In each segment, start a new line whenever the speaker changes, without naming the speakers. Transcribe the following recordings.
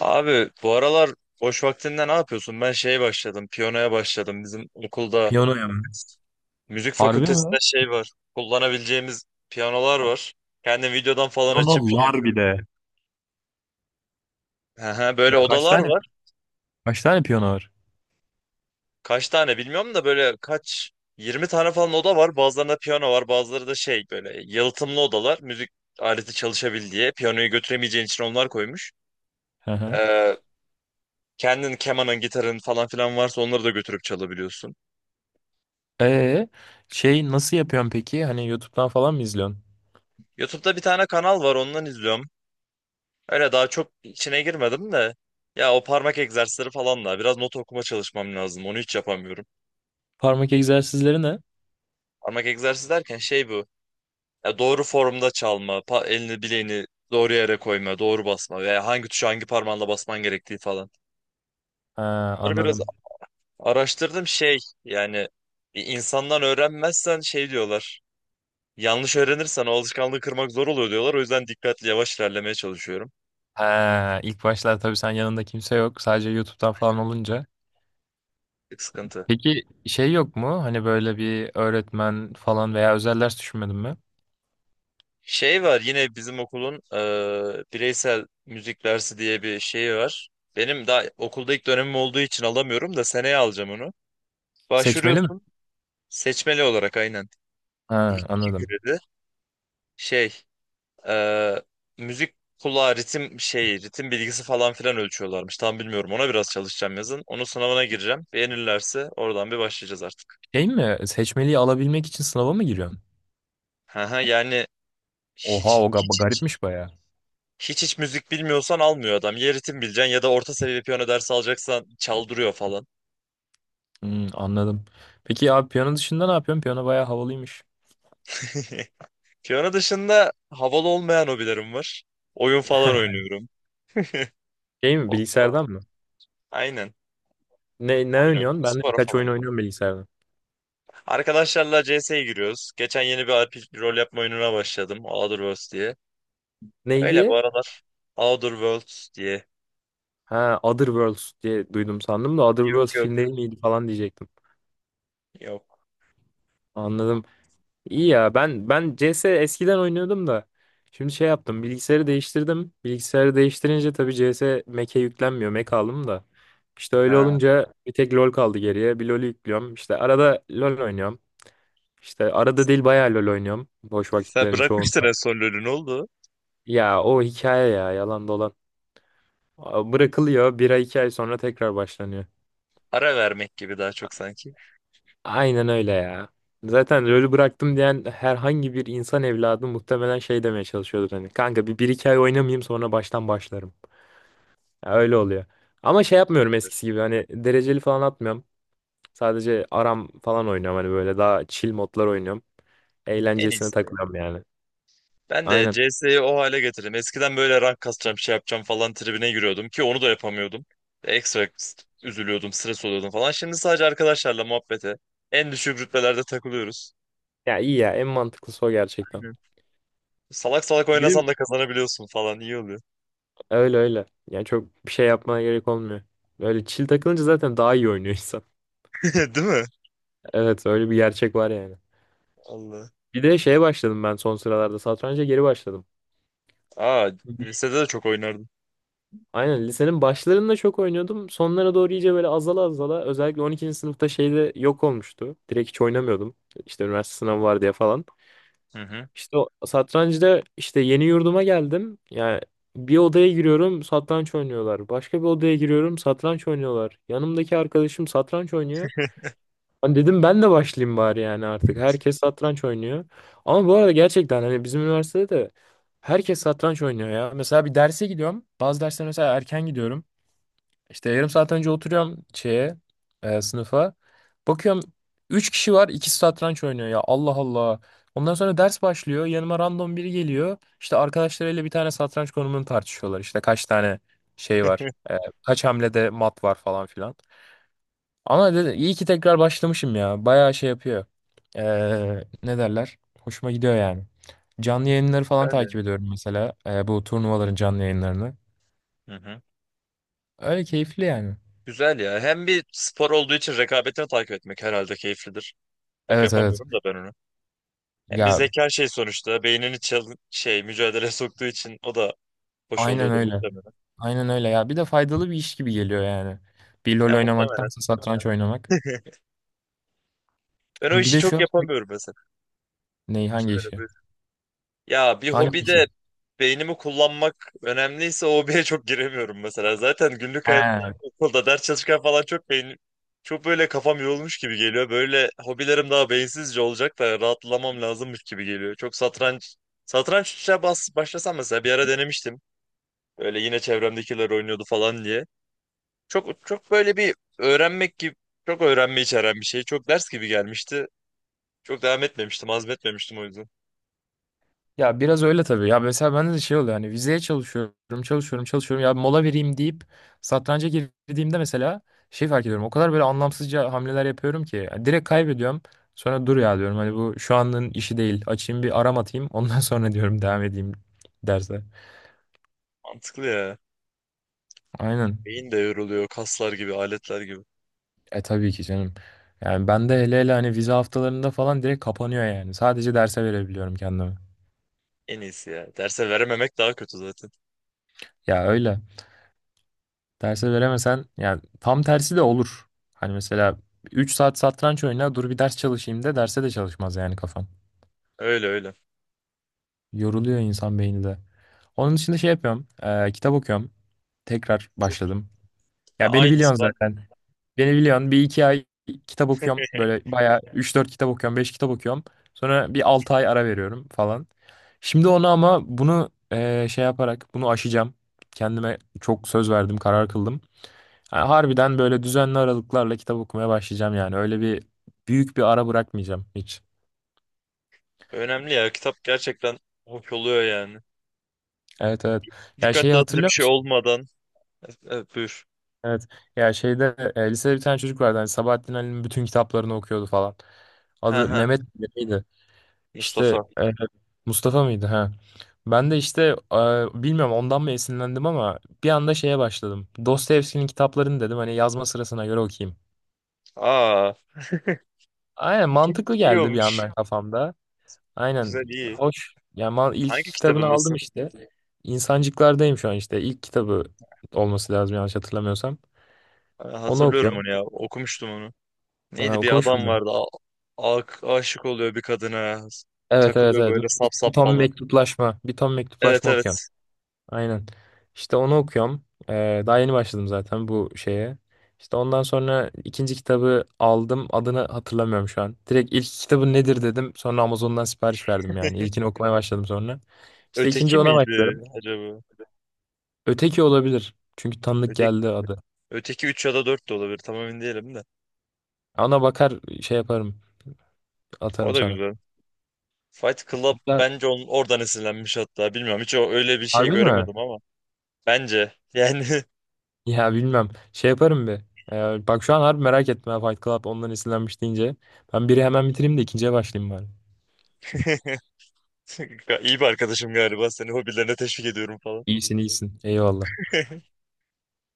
Abi bu aralar boş vaktinde ne yapıyorsun? Ben piyanoya başladım. Bizim okulda
Piyanoya mı?
müzik
Harbi
fakültesinde
mi?
şey var. Kullanabileceğimiz piyanolar var. Kendi videodan falan açıp
Piyanolar bir de.
Aha, böyle
Ya kaç
odalar
tane
var.
Kaç tane piyano var?
Kaç tane bilmiyorum da böyle 20 tane falan oda var. Bazılarında piyano var, bazıları da böyle yalıtımlı odalar. Müzik aleti çalışabil diye. Piyanoyu götüremeyeceğin için onlar koymuş.
Hı hı.
Ee, kendin kemanın, gitarın falan filan varsa onları da götürüp çalabiliyorsun.
Ee, Şey nasıl yapıyorsun peki? Hani YouTube'dan falan mı izliyorsun?
YouTube'da bir tane kanal var, ondan izliyorum. Öyle daha çok içine girmedim de. Ya o parmak egzersizleri falan da biraz not okuma çalışmam lazım. Onu hiç yapamıyorum.
Parmak egzersizleri ne?
Parmak egzersizi derken bu. Ya doğru formda çalma, elini bileğini doğru yere koyma, doğru basma veya hangi tuşu hangi parmağınla basman gerektiği falan.
Ha,
Bunları biraz
anladım.
araştırdım. Yani bir insandan öğrenmezsen diyorlar. Yanlış öğrenirsen o alışkanlığı kırmak zor oluyor diyorlar. O yüzden dikkatli yavaş ilerlemeye çalışıyorum.
Ha, ilk başlar tabii, sen yanında kimse yok. Sadece YouTube'dan falan olunca.
Bir sıkıntı.
Peki şey yok mu? Hani böyle bir öğretmen falan veya özel ders düşünmedin mi?
Şey var yine bizim okulun bireysel müzik dersi diye bir şeyi var. Benim daha okulda ilk dönemim olduğu için alamıyorum da seneye alacağım onu.
Seçmeli mi?
Başvuruyorsun seçmeli olarak aynen.
Ha,
İki
anladım.
kredi. Şey e, müzik kulağı ritim ritim bilgisi falan filan ölçüyorlarmış. Tam bilmiyorum ona biraz çalışacağım yazın. Onun sınavına gireceğim. Beğenirlerse oradan bir başlayacağız artık.
Şey mi? Seçmeliyi alabilmek için sınava mı giriyorsun?
Hı hı. Yani
Oha,
hiç
o
hiç hiç
garipmiş baya.
hiç müzik bilmiyorsan almıyor adam. Ya ritim bileceksin ya da orta seviye piyano dersi alacaksan çaldırıyor falan.
Hmm, anladım. Peki ya piyano dışında ne yapıyorsun? Piyano bayağı havalıymış.
Piyano dışında havalı olmayan hobilerim var. Oyun falan oynuyorum.
Şey mi,
O-
bilgisayardan mı?
Aynen.
Ne
Oyun oynuyorum.
oynuyorsun? Ben de
Spora
birkaç
falan
oyun
gidiyorum.
oynuyorum bilgisayardan.
Arkadaşlarla CS'ye giriyoruz. Geçen yeni bir RPG rol yapma oyununa başladım. Outer Worlds diye.
Ne
Öyle bu
diye?
aralar. Outer Worlds diye.
Ha, Other Worlds diye duydum sandım da Other
Yok,
Worlds film değil
yok.
miydi falan diyecektim.
Yok.
Anladım. İyi ya, ben CS eskiden oynuyordum da şimdi şey yaptım, bilgisayarı değiştirdim. Bilgisayarı değiştirince tabii CS Mac'e yüklenmiyor. Mac aldım da. İşte öyle
Ha.
olunca bir tek LoL kaldı geriye. Bir LoL'ü yüklüyorum. İşte arada LoL oynuyorum. İşte arada değil, bayağı LoL oynuyorum. Boş
Sen
vakitlerin
bırakmıştın
çoğunda.
en son LoL'ü, ne oldu?
Ya o hikaye ya yalan dolan. Bırakılıyor, bir ay iki ay sonra tekrar başlanıyor.
Ara vermek gibi daha çok sanki.
Aynen öyle ya. Zaten LoL'ü bıraktım diyen herhangi bir insan evladı muhtemelen şey demeye çalışıyordur hani. Kanka bir iki ay oynamayayım, sonra baştan başlarım. Ya öyle oluyor. Ama şey yapmıyorum eskisi gibi, hani dereceli falan atmıyorum. Sadece aram falan oynuyorum, hani böyle daha chill modlar oynuyorum.
En
Eğlencesine
iyisi.
takılıyorum yani.
Ben de
Aynen.
CS'yi o hale getirdim. Eskiden böyle rank kasacağım, şey yapacağım falan tribine giriyordum ki onu da yapamıyordum. Ekstra üzülüyordum, stres oluyordum falan. Şimdi sadece arkadaşlarla muhabbete, en düşük rütbelerde takılıyoruz.
Ya iyi ya, en mantıklısı o gerçekten.
Aynen. Salak salak oynasan
Benim
da kazanabiliyorsun falan, iyi oluyor.
Öyle öyle. Yani çok bir şey yapmaya gerek olmuyor. Öyle chill takılınca zaten daha iyi oynuyor insan.
Değil mi?
Evet, öyle bir gerçek var yani.
Allah.
Bir de şeye başladım ben son sıralarda. Satranca geri başladım.
Aa, lisede de çok oynardım.
Aynen, lisenin başlarında çok oynuyordum. Sonlara doğru iyice böyle azala azala, özellikle 12. sınıfta şeyde yok olmuştu. Direkt hiç oynamıyordum. İşte üniversite sınavı var diye falan.
Hı hı.
İşte o satrancıda işte, yeni yurduma geldim. Yani bir odaya giriyorum, satranç oynuyorlar. Başka bir odaya giriyorum, satranç oynuyorlar. Yanımdaki arkadaşım satranç oynuyor. Hani dedim ben de başlayayım bari yani artık. Herkes satranç oynuyor. Ama bu arada gerçekten hani bizim üniversitede de herkes satranç oynuyor ya. Mesela bir derse gidiyorum. Bazı dersler mesela erken gidiyorum. İşte yarım saat önce oturuyorum şeye, sınıfa. Bakıyorum 3 kişi var, ikisi satranç oynuyor ya. Allah Allah. Ondan sonra ders başlıyor. Yanıma random biri geliyor. İşte arkadaşlarıyla bir tane satranç konumunu tartışıyorlar. İşte kaç tane şey var. Kaç hamlede mat var falan filan. Ama iyi ki tekrar başlamışım ya. Bayağı şey yapıyor. Ne derler? Hoşuma gidiyor yani. Canlı yayınları falan
Yani.
takip ediyorum mesela. Bu turnuvaların canlı yayınlarını.
Hı hı.
Öyle keyifli yani.
Güzel ya. Hem bir spor olduğu için rekabetini takip etmek herhalde keyiflidir. Çok
Evet evet.
yapamıyorum da ben onu. Hem bir
Ya
zeka sonuçta. Beynini mücadele soktuğu için o da hoş
aynen
oluyordur
öyle.
muhtemelen.
Aynen öyle ya. Bir de faydalı bir iş gibi geliyor yani. Bir LoL
Ya muhtemelen.
oynamaktansa satranç oynamak.
Ben o
Bir
işi
de
çok
şu.
yapamıyorum mesela.
Neyi, hangi
Şöyle
işi?
Ya bir
Hangi
hobide
işi?
beynimi kullanmak önemliyse o hobiye çok giremiyorum mesela. Zaten günlük hayatta
He,
okulda ders çalışırken falan çok böyle kafam yorulmuş gibi geliyor. Böyle hobilerim daha beyinsizce olacak da rahatlamam lazımmış gibi geliyor. Çok satranç satrançla başlasam mesela bir ara denemiştim. Böyle yine çevremdekiler oynuyordu falan diye. Çok çok böyle bir öğrenmek gibi çok öğrenme içeren bir şey. Çok ders gibi gelmişti. Çok devam etmemiştim, azmetmemiştim o yüzden.
ya biraz öyle tabii. Ya mesela bende de şey oluyor, hani vizeye çalışıyorum, çalışıyorum, çalışıyorum. Ya mola vereyim deyip satranca girdiğimde mesela şey fark ediyorum. O kadar böyle anlamsızca hamleler yapıyorum ki ya, direkt kaybediyorum. Sonra dur ya diyorum, hani bu şu anın işi değil. Açayım bir aram atayım. Ondan sonra diyorum, devam edeyim derse.
Mantıklı ya.
Aynen.
Beyin de yoruluyor, kaslar gibi, aletler gibi.
E tabii ki canım. Yani bende hele hele hani vize haftalarında falan direkt kapanıyor yani. Sadece derse verebiliyorum kendimi.
En iyisi ya. Derse verememek daha kötü zaten.
Ya öyle. Derse veremesen yani, tam tersi de olur. Hani mesela 3 saat satranç oyna, dur bir ders çalışayım de, derse de çalışmaz yani kafan.
Öyle öyle.
Yoruluyor insan beyni de. Onun dışında şey yapıyorum. Kitap okuyorum. Tekrar
Çok
başladım.
ya,
Ya beni
aynısı
biliyorsun
ben de.
zaten. Beni biliyorsun. Bir iki ay kitap okuyorum. Böyle bayağı üç dört kitap okuyorum. Beş kitap okuyorum. Sonra bir 6 ay ara veriyorum falan. Şimdi onu, ama bunu şey yaparak bunu aşacağım. Kendime çok söz verdim. Karar kıldım. Ha, harbiden böyle düzenli aralıklarla kitap okumaya başlayacağım yani. Öyle bir büyük bir ara bırakmayacağım hiç.
Önemli ya, kitap gerçekten hoş oluyor yani.
Evet evet. Ya
Dikkat
şeyi
dağıtıcı bir
hatırlıyor
şey
musun?
olmadan. Evet, buyur.
Evet. Ya şeyde lisede bir tane çocuk vardı. Hani Sabahattin Ali'nin bütün kitaplarını okuyordu falan.
Ha
Adı
ha.
Mehmet miydi? İşte
Mustafa.
e, Mustafa mıydı? Ha. Ben de işte bilmiyorum ondan mı esinlendim, ama bir anda şeye başladım. Dostoyevski'nin kitaplarını dedim hani yazma sırasına göre okuyayım.
Aa,
Aynen, mantıklı
iyi
geldi bir
olmuş.
anda kafamda. Aynen.
Güzel, iyi.
Hoş. Yani ilk
Hangi
iki kitabını aldım
kitabındasın?
işte. İnsancıklardayım şu an işte. İlk kitabı olması lazım, yanlış hatırlamıyorsam.
Ha,
Onu
hatırlıyorum
okuyorum.
onu ya. Okumuştum onu.
Ha,
Neydi, bir
okumuş
adam
muydun?
vardı. Aşık oluyor bir kadına.
Evet evet
Takılıyor
evet.
böyle sap
Bir
sap
ton
falan.
mektuplaşma. Bir ton
Evet,
mektuplaşma okuyorum.
evet.
Aynen. İşte onu okuyorum. Daha yeni başladım zaten bu şeye. İşte ondan sonra ikinci kitabı aldım. Adını hatırlamıyorum şu an. Direkt ilk kitabı nedir dedim. Sonra Amazon'dan sipariş verdim yani. İlkini okumaya başladım sonra. İşte ikinci
Öteki
ona başladım.
miydi acaba?
Öteki olabilir. Çünkü tanıdık
öteki
geldi adı.
Öteki 3 ya da 4 de olabilir. Tam emin değilim de.
Ona bakar, şey yaparım.
O
Atarım
da
sana.
güzel. Fight Club
Hatta-
bence onun oradan esinlenmiş hatta. Bilmiyorum, hiç öyle bir şey
Harbi mi?
göremedim ama. Bence yani.
Ya bilmem. Şey yaparım bir. Bak şu an harbi merak etme ha, Fight Club ondan esinlenmiş deyince. Ben biri hemen bitireyim de ikinciye başlayayım bari.
iyi bir arkadaşım galiba. Seni hobilerine teşvik ediyorum falan.
İyisin iyisin. Eyvallah.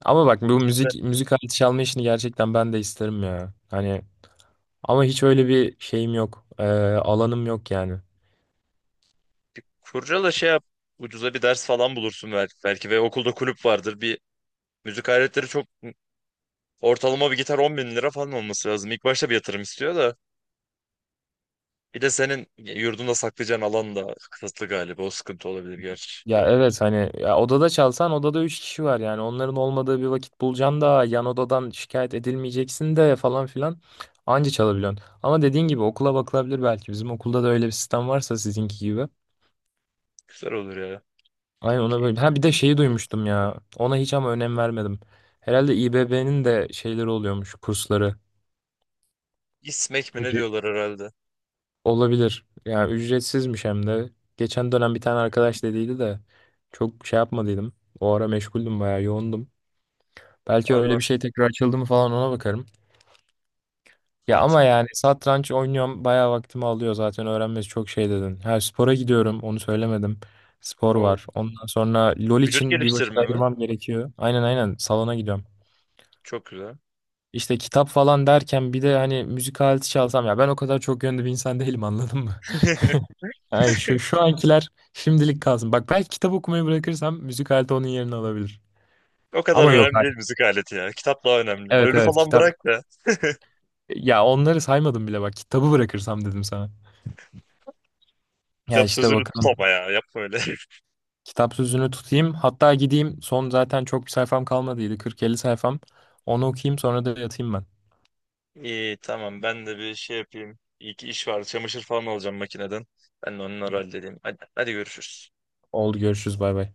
Ama bak, bu müzik aleti çalma işini gerçekten ben de isterim ya. Hani ama hiç öyle bir şeyim yok. Alanım yok yani.
Kurcala, şey yap. Ucuza bir ders falan bulursun belki. Belki ve okulda kulüp vardır. Bir müzik aletleri çok, ortalama bir gitar 10 bin lira falan olması lazım. İlk başta bir yatırım istiyor da. Bir de senin yurdunda saklayacağın alan da kısıtlı galiba. O sıkıntı olabilir gerçi.
Ya evet hani, ya odada çalsan odada 3 kişi var yani, onların olmadığı bir vakit bulacaksın da, yan odadan şikayet edilmeyeceksin de falan filan anca çalabiliyorsun. Ama dediğin gibi okula bakılabilir belki, bizim okulda da öyle bir sistem varsa sizinki gibi.
Güzel olur ya.
Aynen, ona böyle. Ha, bir de
Keyifli.
şeyi duymuştum ya, ona hiç ama önem vermedim. Herhalde İBB'nin de şeyleri oluyormuş, kursları.
İsmek mi ne
Ücre-
diyorlar herhalde.
Olabilir yani, ücretsizmiş hem de. Geçen dönem bir tane arkadaş dediydi de çok şey yapmadıydım. O ara meşguldüm, bayağı yoğundum. Belki
Var,
öyle bir
var.
şey tekrar açıldı mı falan, ona bakarım. Ya
Mantık.
ama yani satranç oynuyorum bayağı vaktimi alıyor zaten, öğrenmesi çok şey dedin. Her spora gidiyorum, onu söylemedim. Spor
O.
var. Ondan sonra LOL
Vücut
için bir vakit
geliştirme mi?
ayırmam gerekiyor. Aynen aynen, salona gidiyorum.
Çok güzel.
İşte kitap falan derken bir de hani müzik aleti çalsam ya, ben o kadar çok yönlü bir insan değilim, anladın mı? Yani şu ankiler şimdilik kalsın. Bak, belki kitap okumayı bırakırsam müzik aleti onun yerini alabilir.
O kadar
Ama yok,
önemli
hayır.
değil müzik aleti ya. Kitap daha önemli.
Evet
Lölü
evet,
falan bırak
kitap.
da.
Ya onları saymadım bile, bak kitabı bırakırsam dedim sana. Ya
Kitap
işte
sözünü
bakalım.
tutma ya. Yapma öyle.
Kitap sözünü tutayım. Hatta gideyim. Son zaten çok bir sayfam kalmadıydı. 40-50 sayfam. Onu okuyayım, sonra da yatayım ben.
İyi, tamam, ben de bir şey yapayım. İyi ki iş var. Çamaşır falan alacağım makineden. Ben de onları halledeyim. Hadi, hadi, görüşürüz.
Oldu, görüşürüz, bay bay.